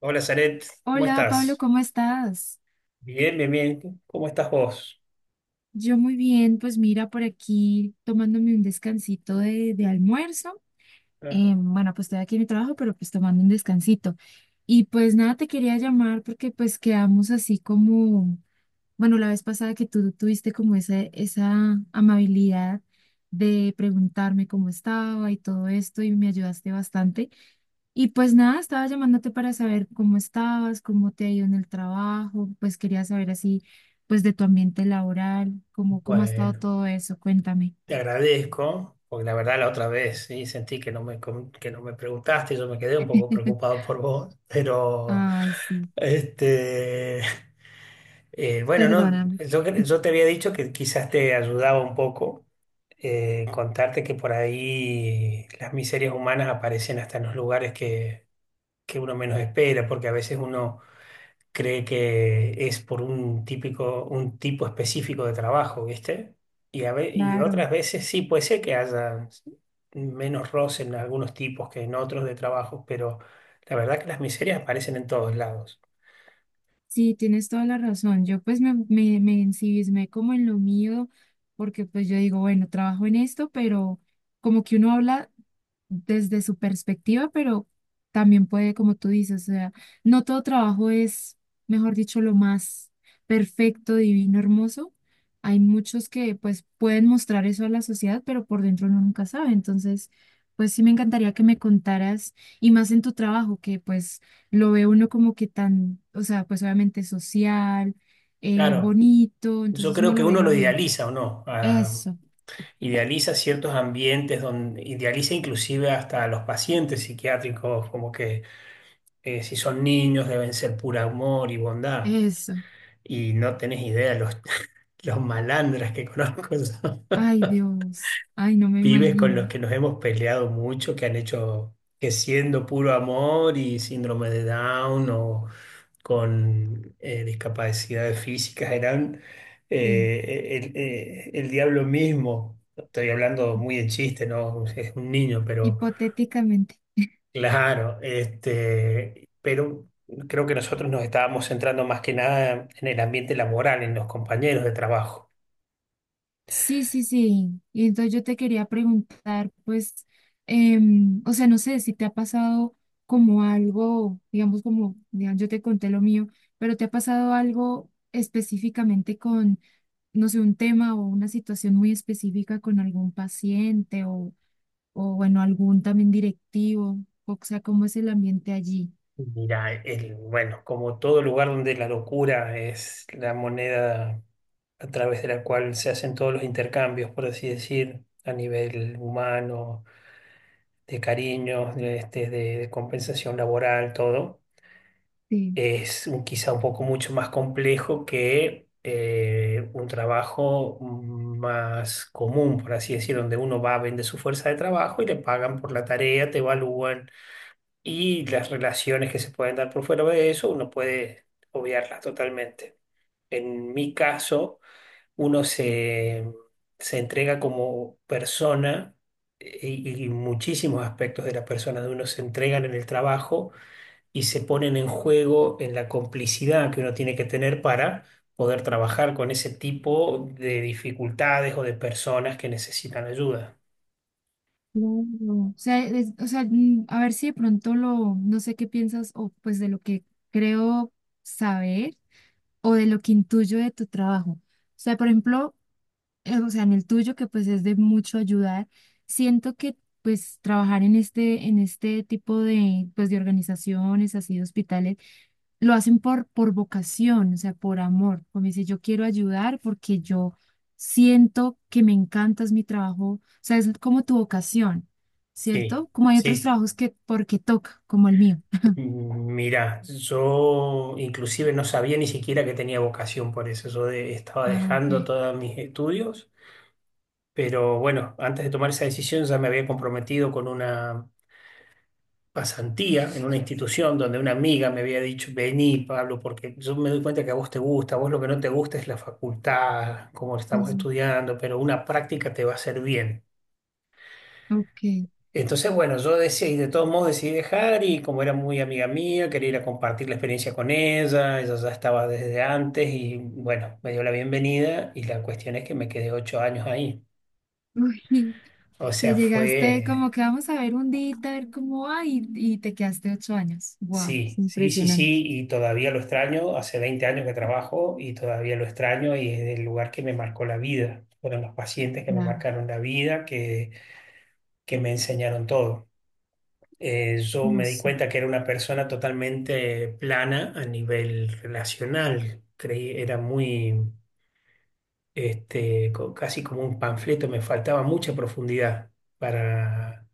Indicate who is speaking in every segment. Speaker 1: Hola, Zaret, ¿cómo
Speaker 2: Hola Pablo,
Speaker 1: estás?
Speaker 2: ¿cómo estás?
Speaker 1: Bien, bien, bien. ¿Cómo estás vos?
Speaker 2: Yo muy bien, pues mira por aquí tomándome un descansito de almuerzo.
Speaker 1: Ah,
Speaker 2: Bueno, pues estoy aquí en mi trabajo, pero pues tomando un descansito. Y pues nada, te quería llamar porque pues quedamos así como bueno, la vez pasada que tú tuviste como esa amabilidad de preguntarme cómo estaba y todo esto y me ayudaste bastante. Y pues nada, estaba llamándote para saber cómo estabas, cómo te ha ido en el trabajo, pues quería saber así, pues de tu ambiente laboral, cómo ha estado
Speaker 1: bueno,
Speaker 2: todo eso, cuéntame.
Speaker 1: te agradezco, porque la verdad la otra vez sí, sentí que que no me preguntaste. Yo me quedé un poco preocupado por vos, pero
Speaker 2: Ay, sí,
Speaker 1: este, bueno, no,
Speaker 2: perdóname.
Speaker 1: yo te había dicho que quizás te ayudaba un poco contarte que por ahí las miserias humanas aparecen hasta en los lugares que uno menos espera, porque a veces uno cree que es por un típico, un tipo específico de trabajo, ¿viste? Y otras
Speaker 2: Claro.
Speaker 1: veces sí puede ser que haya menos roce en algunos tipos que en otros de trabajos, pero la verdad que las miserias aparecen en todos lados.
Speaker 2: Sí, tienes toda la razón. Yo pues me ensimismé como en lo mío, porque pues yo digo, bueno, trabajo en esto, pero como que uno habla desde su perspectiva, pero también puede, como tú dices, o sea, no todo trabajo es, mejor dicho, lo más perfecto, divino, hermoso. Hay muchos que pues pueden mostrar eso a la sociedad, pero por dentro uno nunca sabe. Entonces, pues sí me encantaría que me contaras, y más en tu trabajo, que pues lo ve uno como que tan, o sea, pues obviamente social,
Speaker 1: Claro,
Speaker 2: bonito,
Speaker 1: yo
Speaker 2: entonces uno
Speaker 1: creo que
Speaker 2: lo ve
Speaker 1: uno
Speaker 2: lo
Speaker 1: lo
Speaker 2: bien.
Speaker 1: idealiza o no, ah,
Speaker 2: Eso,
Speaker 1: idealiza ciertos ambientes donde idealiza inclusive hasta a los pacientes psiquiátricos, como que si son niños deben ser pura amor y bondad.
Speaker 2: eso.
Speaker 1: Y no tenés idea los malandras que conozco son
Speaker 2: Ay, Dios. Ay, no me
Speaker 1: pibes con los
Speaker 2: imagino.
Speaker 1: que nos hemos peleado mucho, que han hecho que siendo puro amor y síndrome de Down o con discapacidades físicas eran
Speaker 2: Sí.
Speaker 1: el diablo mismo. Estoy hablando muy en chiste, ¿no? Es un niño, pero
Speaker 2: Hipotéticamente.
Speaker 1: claro, pero creo que nosotros nos estábamos centrando más que nada en el ambiente laboral, en los compañeros de trabajo.
Speaker 2: Sí, sí, sí. Y entonces yo te quería preguntar, pues, o sea, no sé si te ha pasado como algo, digamos, como, digamos, yo te conté lo mío, pero te ha pasado algo específicamente con, no sé, un tema o una situación muy específica con algún paciente o bueno, algún también directivo, o sea, ¿cómo es el ambiente allí?
Speaker 1: Mira, bueno, como todo lugar donde la locura es la moneda a través de la cual se hacen todos los intercambios, por así decir, a nivel humano, de cariños, de compensación laboral, todo,
Speaker 2: Sí.
Speaker 1: es quizá un poco mucho más complejo que un trabajo más común, por así decir, donde uno va, vende su fuerza de trabajo y le pagan por la tarea, te evalúan, y las relaciones que se pueden dar por fuera de eso, uno puede obviarlas totalmente. En mi caso, uno se entrega como persona, y muchísimos aspectos de la persona de uno se entregan en el trabajo y se ponen en juego en la complicidad que uno tiene que tener para poder trabajar con ese tipo de dificultades o de personas que necesitan ayuda.
Speaker 2: No, no. O sea, o sea, mm, a ver si de pronto lo, no sé qué piensas, o pues de lo que creo saber, o de lo que intuyo de tu trabajo. O sea, por ejemplo, o sea, en el tuyo, que pues es de mucho ayudar, siento que pues trabajar en este tipo de, pues, de organizaciones, así de hospitales, lo hacen por vocación, o sea, por amor. Como dice, yo quiero ayudar porque yo siento que me encanta, es mi trabajo, o sea, es como tu vocación,
Speaker 1: Sí,
Speaker 2: ¿cierto? Como hay otros
Speaker 1: sí.
Speaker 2: trabajos que porque toca, como el mío.
Speaker 1: Mira, yo inclusive no sabía ni siquiera que tenía vocación por eso. Yo estaba
Speaker 2: Ah, ok.
Speaker 1: dejando todos mis estudios, pero bueno, antes de tomar esa decisión ya me había comprometido con una pasantía en una institución donde una amiga me había dicho, vení, Pablo, porque yo me doy cuenta que a vos te gusta, a vos lo que no te gusta es la facultad, cómo
Speaker 2: Sí,
Speaker 1: estamos
Speaker 2: sí.
Speaker 1: estudiando, pero una práctica te va a hacer bien.
Speaker 2: Ok.
Speaker 1: Entonces, bueno, yo decidí, de todos modos decidí dejar, y como era muy amiga mía, quería ir a compartir la experiencia con ella, ella ya estaba desde antes y bueno, me dio la bienvenida, y la cuestión es que me quedé 8 años ahí. O
Speaker 2: Te
Speaker 1: sea,
Speaker 2: llegaste como
Speaker 1: fue,
Speaker 2: que vamos a ver un día, a ver cómo va, y te quedaste 8 años. Wow, es
Speaker 1: sí, sí, sí,
Speaker 2: impresionante.
Speaker 1: sí, y todavía lo extraño, hace 20 años que trabajo y todavía lo extraño, y es el lugar que me marcó la vida. Fueron los pacientes que me
Speaker 2: Claro,
Speaker 1: marcaron la vida, que me enseñaron todo. Yo
Speaker 2: no
Speaker 1: me di
Speaker 2: sé,
Speaker 1: cuenta que era una persona totalmente plana a nivel relacional. Creí, era muy, casi como un panfleto, me faltaba mucha profundidad para,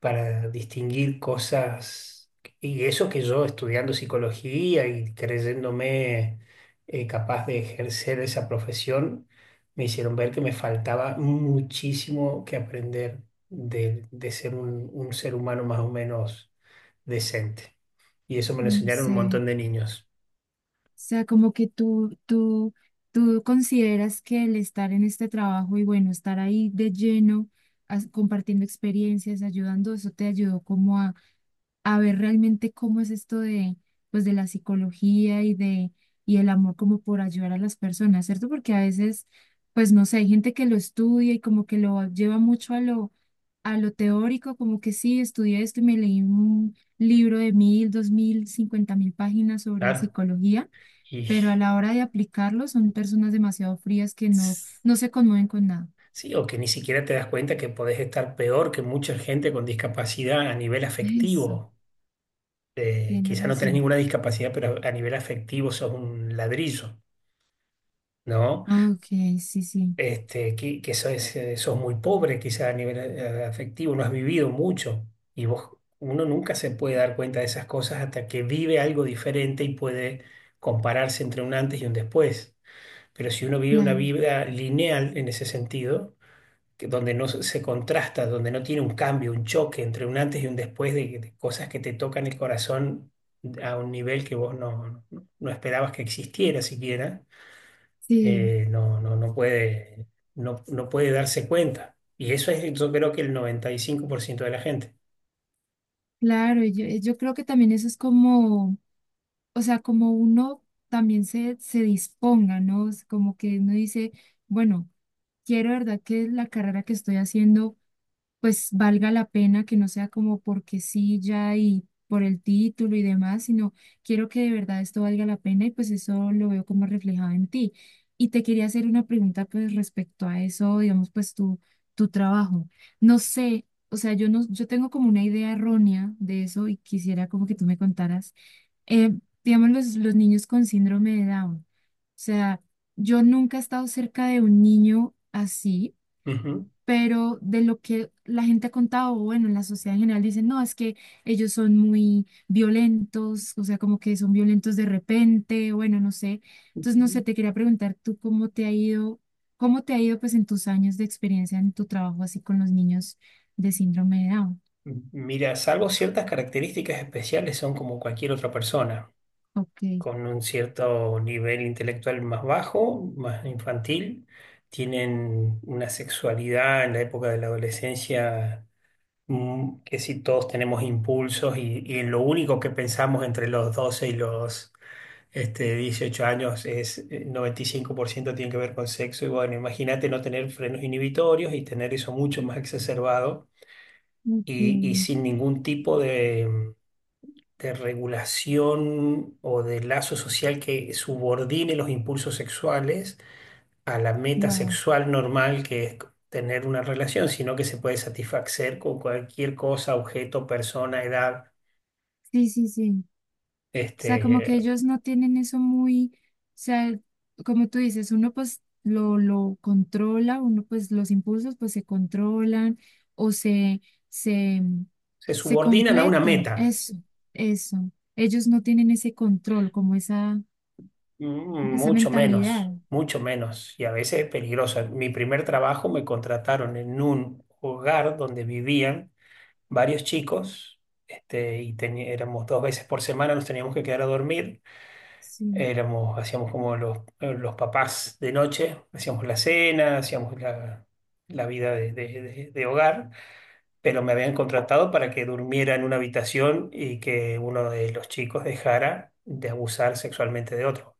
Speaker 1: para distinguir cosas. Y eso que yo estudiando psicología y creyéndome capaz de ejercer esa profesión, me hicieron ver que me faltaba muchísimo que aprender de ser un ser humano más o menos decente. Y eso me lo
Speaker 2: no
Speaker 1: enseñaron un
Speaker 2: sé.
Speaker 1: montón de niños.
Speaker 2: O sea, como que tú consideras que el estar en este trabajo y bueno, estar ahí de lleno, compartiendo experiencias, ayudando, eso te ayudó como a ver realmente cómo es esto de, pues, de la psicología y de, y el amor como por ayudar a las personas, ¿cierto? Porque a veces, pues, no sé, hay gente que lo estudia y como que lo lleva mucho a lo teórico, como que sí, estudié esto y me leí un libro de 1.000, 2.000, 50.000 páginas sobre
Speaker 1: Claro.
Speaker 2: psicología,
Speaker 1: Y
Speaker 2: pero a la hora de aplicarlo son personas demasiado frías que no,
Speaker 1: s-
Speaker 2: no se conmueven con nada.
Speaker 1: sí, o que ni siquiera te das cuenta que podés estar peor que mucha gente con discapacidad a nivel
Speaker 2: Eso,
Speaker 1: afectivo.
Speaker 2: tienes
Speaker 1: Quizá no tenés
Speaker 2: razón.
Speaker 1: ninguna discapacidad, pero a nivel afectivo sos un ladrillo, ¿no?
Speaker 2: Ah, ok, sí, sí,
Speaker 1: Que sos, sos muy pobre, quizá a nivel afectivo, no has vivido mucho. Y vos, uno nunca se puede dar cuenta de esas cosas hasta que vive algo diferente y puede compararse entre un antes y un después. Pero si uno vive una
Speaker 2: claro,
Speaker 1: vida lineal en ese sentido, que donde no se contrasta, donde no tiene un cambio, un choque entre un antes y un después, de cosas que te tocan el corazón a un nivel que vos no esperabas que existiera siquiera,
Speaker 2: sí.
Speaker 1: eh, no, no, no puede, no puede darse cuenta. Y eso es, yo creo que el 95% de la gente.
Speaker 2: Claro, y yo, yo creo que también eso es como, o sea, como uno también se disponga, ¿no? Es como que uno dice, bueno, quiero, ¿verdad? Que la carrera que estoy haciendo pues valga la pena, que no sea como porque sí ya y por el título y demás, sino quiero que de verdad esto valga la pena y pues eso lo veo como reflejado en ti. Y te quería hacer una pregunta pues respecto a eso, digamos pues tu trabajo. No sé, o sea, yo no, yo tengo como una idea errónea de eso y quisiera como que tú me contaras. Eh, digamos los niños con síndrome de Down. O sea, yo nunca he estado cerca de un niño así,
Speaker 1: Ujú.
Speaker 2: pero de lo que la gente ha contado, o bueno, en la sociedad en general dicen, no, es que ellos son muy violentos, o sea, como que son violentos de repente, bueno, no sé. Entonces, no sé, te quería preguntar tú cómo te ha ido, cómo te ha ido pues en tus años de experiencia en tu trabajo así con los niños de síndrome de Down.
Speaker 1: Mira, salvo ciertas características especiales, son como cualquier otra persona,
Speaker 2: Ok,
Speaker 1: con un cierto nivel intelectual más bajo, más infantil. Tienen una sexualidad en la época de la adolescencia que, si todos tenemos impulsos, y lo único que pensamos entre los 12 y los 18 años es 95% tiene que ver con sexo, y bueno, imagínate no tener frenos inhibitorios y tener eso mucho más exacerbado,
Speaker 2: ok,
Speaker 1: y sin ningún tipo de regulación o de lazo social que subordine los impulsos sexuales a la meta
Speaker 2: wow.
Speaker 1: sexual normal, que es tener una relación, sino que se puede satisfacer con cualquier cosa, objeto, persona, edad.
Speaker 2: Sí, sí, sí. Sea, como que
Speaker 1: Este,
Speaker 2: ellos no tienen eso muy, o sea, como tú dices, uno pues lo controla, uno pues los impulsos pues se controlan o se, se,
Speaker 1: se
Speaker 2: se
Speaker 1: subordinan a una
Speaker 2: completan,
Speaker 1: meta.
Speaker 2: eso, eso. Ellos no tienen ese control, como esa, esa
Speaker 1: Mucho
Speaker 2: mentalidad.
Speaker 1: menos, mucho menos, y a veces es peligroso. En mi primer trabajo me contrataron en un hogar donde vivían varios chicos, y éramos dos veces por semana, nos teníamos que quedar a dormir,
Speaker 2: Sí.
Speaker 1: éramos, hacíamos como los papás de noche, hacíamos la cena, hacíamos la, la vida de hogar, pero me habían contratado para que durmiera en una habitación y que uno de los chicos dejara de abusar sexualmente de otro,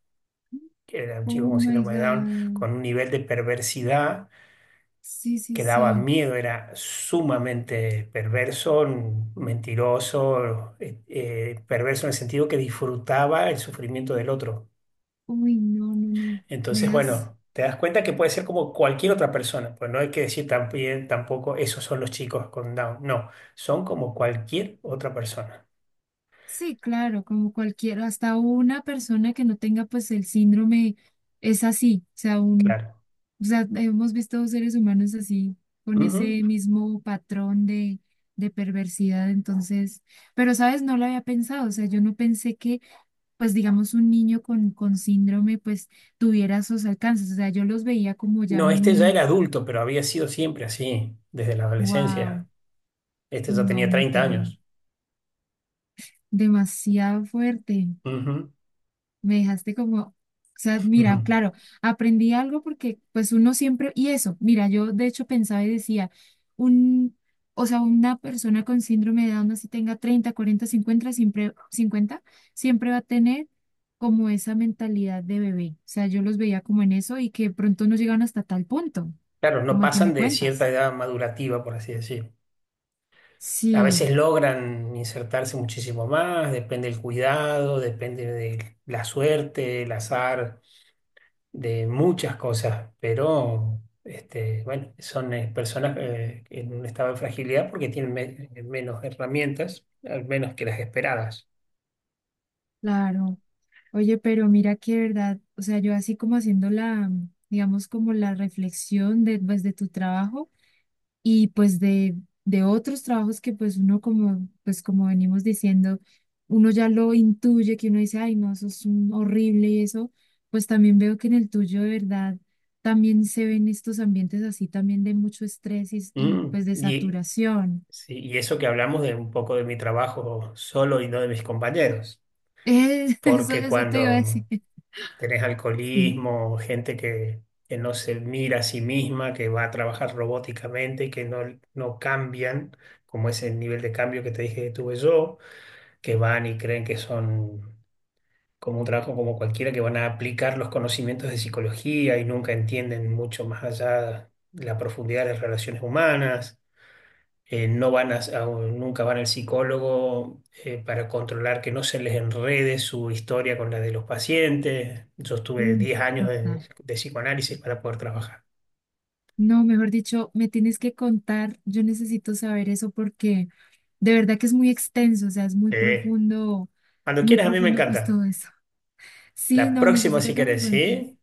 Speaker 1: que era un chico
Speaker 2: Oh
Speaker 1: con
Speaker 2: my
Speaker 1: síndrome de Down,
Speaker 2: God.
Speaker 1: con un nivel de perversidad
Speaker 2: Sí, sí,
Speaker 1: que daba
Speaker 2: sí.
Speaker 1: miedo, era sumamente perverso, mentiroso, perverso en el sentido que disfrutaba el sufrimiento del otro.
Speaker 2: Uy, no, no, no. Me
Speaker 1: Entonces,
Speaker 2: dejas.
Speaker 1: bueno, te das cuenta que puede ser como cualquier otra persona, pues no hay que decir también, tampoco esos son los chicos con Down, no, son como cualquier otra persona,
Speaker 2: Sí, claro, como cualquiera, hasta una persona que no tenga pues el síndrome es así, o sea, un,
Speaker 1: claro.
Speaker 2: o sea, hemos visto seres humanos así, con
Speaker 1: Ujú.
Speaker 2: ese mismo patrón de perversidad, entonces, pero sabes, no lo había pensado, o sea, yo no pensé que pues digamos un niño con síndrome pues tuviera esos alcances, o sea, yo los veía como ya
Speaker 1: No, este ya
Speaker 2: muy,
Speaker 1: era adulto, pero había sido siempre así, desde la
Speaker 2: wow,
Speaker 1: adolescencia. Este ya
Speaker 2: no,
Speaker 1: tenía
Speaker 2: muy
Speaker 1: 30
Speaker 2: terrible,
Speaker 1: años.
Speaker 2: demasiado fuerte.
Speaker 1: Ujú,
Speaker 2: Me dejaste como, o sea,
Speaker 1: ujú.
Speaker 2: mira, claro, aprendí algo porque pues uno siempre, y eso, mira, yo de hecho pensaba y decía, un, o sea, una persona con síndrome de Down, así tenga 30 40 50 siempre, 50 siempre va a tener como esa mentalidad de bebé. O sea, yo los veía como en eso y que pronto no llegan hasta tal punto,
Speaker 1: Claro, no
Speaker 2: como el que
Speaker 1: pasan
Speaker 2: me
Speaker 1: de cierta
Speaker 2: cuentas.
Speaker 1: edad madurativa, por así decir. A veces
Speaker 2: Sí,
Speaker 1: logran insertarse muchísimo más, depende del cuidado, depende de la suerte, el azar, de muchas cosas, pero este, bueno, son personas en un estado de fragilidad porque tienen menos herramientas, al menos que las esperadas.
Speaker 2: claro. Oye, pero mira que verdad, o sea, yo así como haciendo la, digamos, como la reflexión de, pues, de tu trabajo y pues de otros trabajos que pues uno como, pues como venimos diciendo, uno ya lo intuye, que uno dice, ay, no, eso es un horrible y eso, pues también veo que en el tuyo de verdad también se ven estos ambientes así también de mucho estrés pues de
Speaker 1: Y,
Speaker 2: saturación.
Speaker 1: sí, y eso que hablamos de un poco de mi trabajo solo y no de mis compañeros,
Speaker 2: Eso,
Speaker 1: porque
Speaker 2: eso te iba a decir.
Speaker 1: cuando tenés
Speaker 2: Sí.
Speaker 1: alcoholismo, gente que no se mira a sí misma, que va a trabajar robóticamente y que no cambian, como ese nivel de cambio que te dije que tuve yo, que van y creen que son como un trabajo como cualquiera, que van a aplicar los conocimientos de psicología y nunca entienden mucho más allá la profundidad de las relaciones humanas. Eh, no van a, a- un- nunca van al psicólogo para controlar que no se les enrede su historia con la de los pacientes. Yo estuve
Speaker 2: Mm,
Speaker 1: 10 años de,
Speaker 2: total.
Speaker 1: de psicoanálisis para poder trabajar.
Speaker 2: No, mejor dicho, me tienes que contar, yo necesito saber eso porque de verdad que es muy extenso, o sea, es
Speaker 1: Sí. Cuando
Speaker 2: muy
Speaker 1: quieras, a mí me
Speaker 2: profundo pues
Speaker 1: encanta.
Speaker 2: todo eso. Sí,
Speaker 1: La
Speaker 2: no,
Speaker 1: próxima, si
Speaker 2: necesito que me
Speaker 1: querés,
Speaker 2: cuentes.
Speaker 1: ¿sí?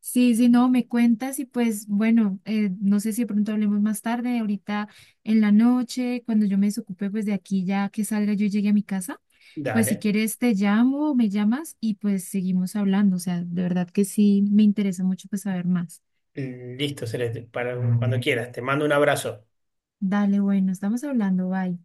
Speaker 2: Sí, sí, no, me cuentas y pues bueno, no sé si de pronto hablemos más tarde, ahorita en la noche, cuando yo me desocupe pues de aquí ya que salga yo y llegue a mi casa, pues si
Speaker 1: Dale.
Speaker 2: quieres te llamo o me llamas y pues seguimos hablando, o sea, de verdad que sí, me interesa mucho pues saber más.
Speaker 1: Listo, Celeste. Para, cuando quieras. Te mando un abrazo.
Speaker 2: Dale, bueno, estamos hablando, bye.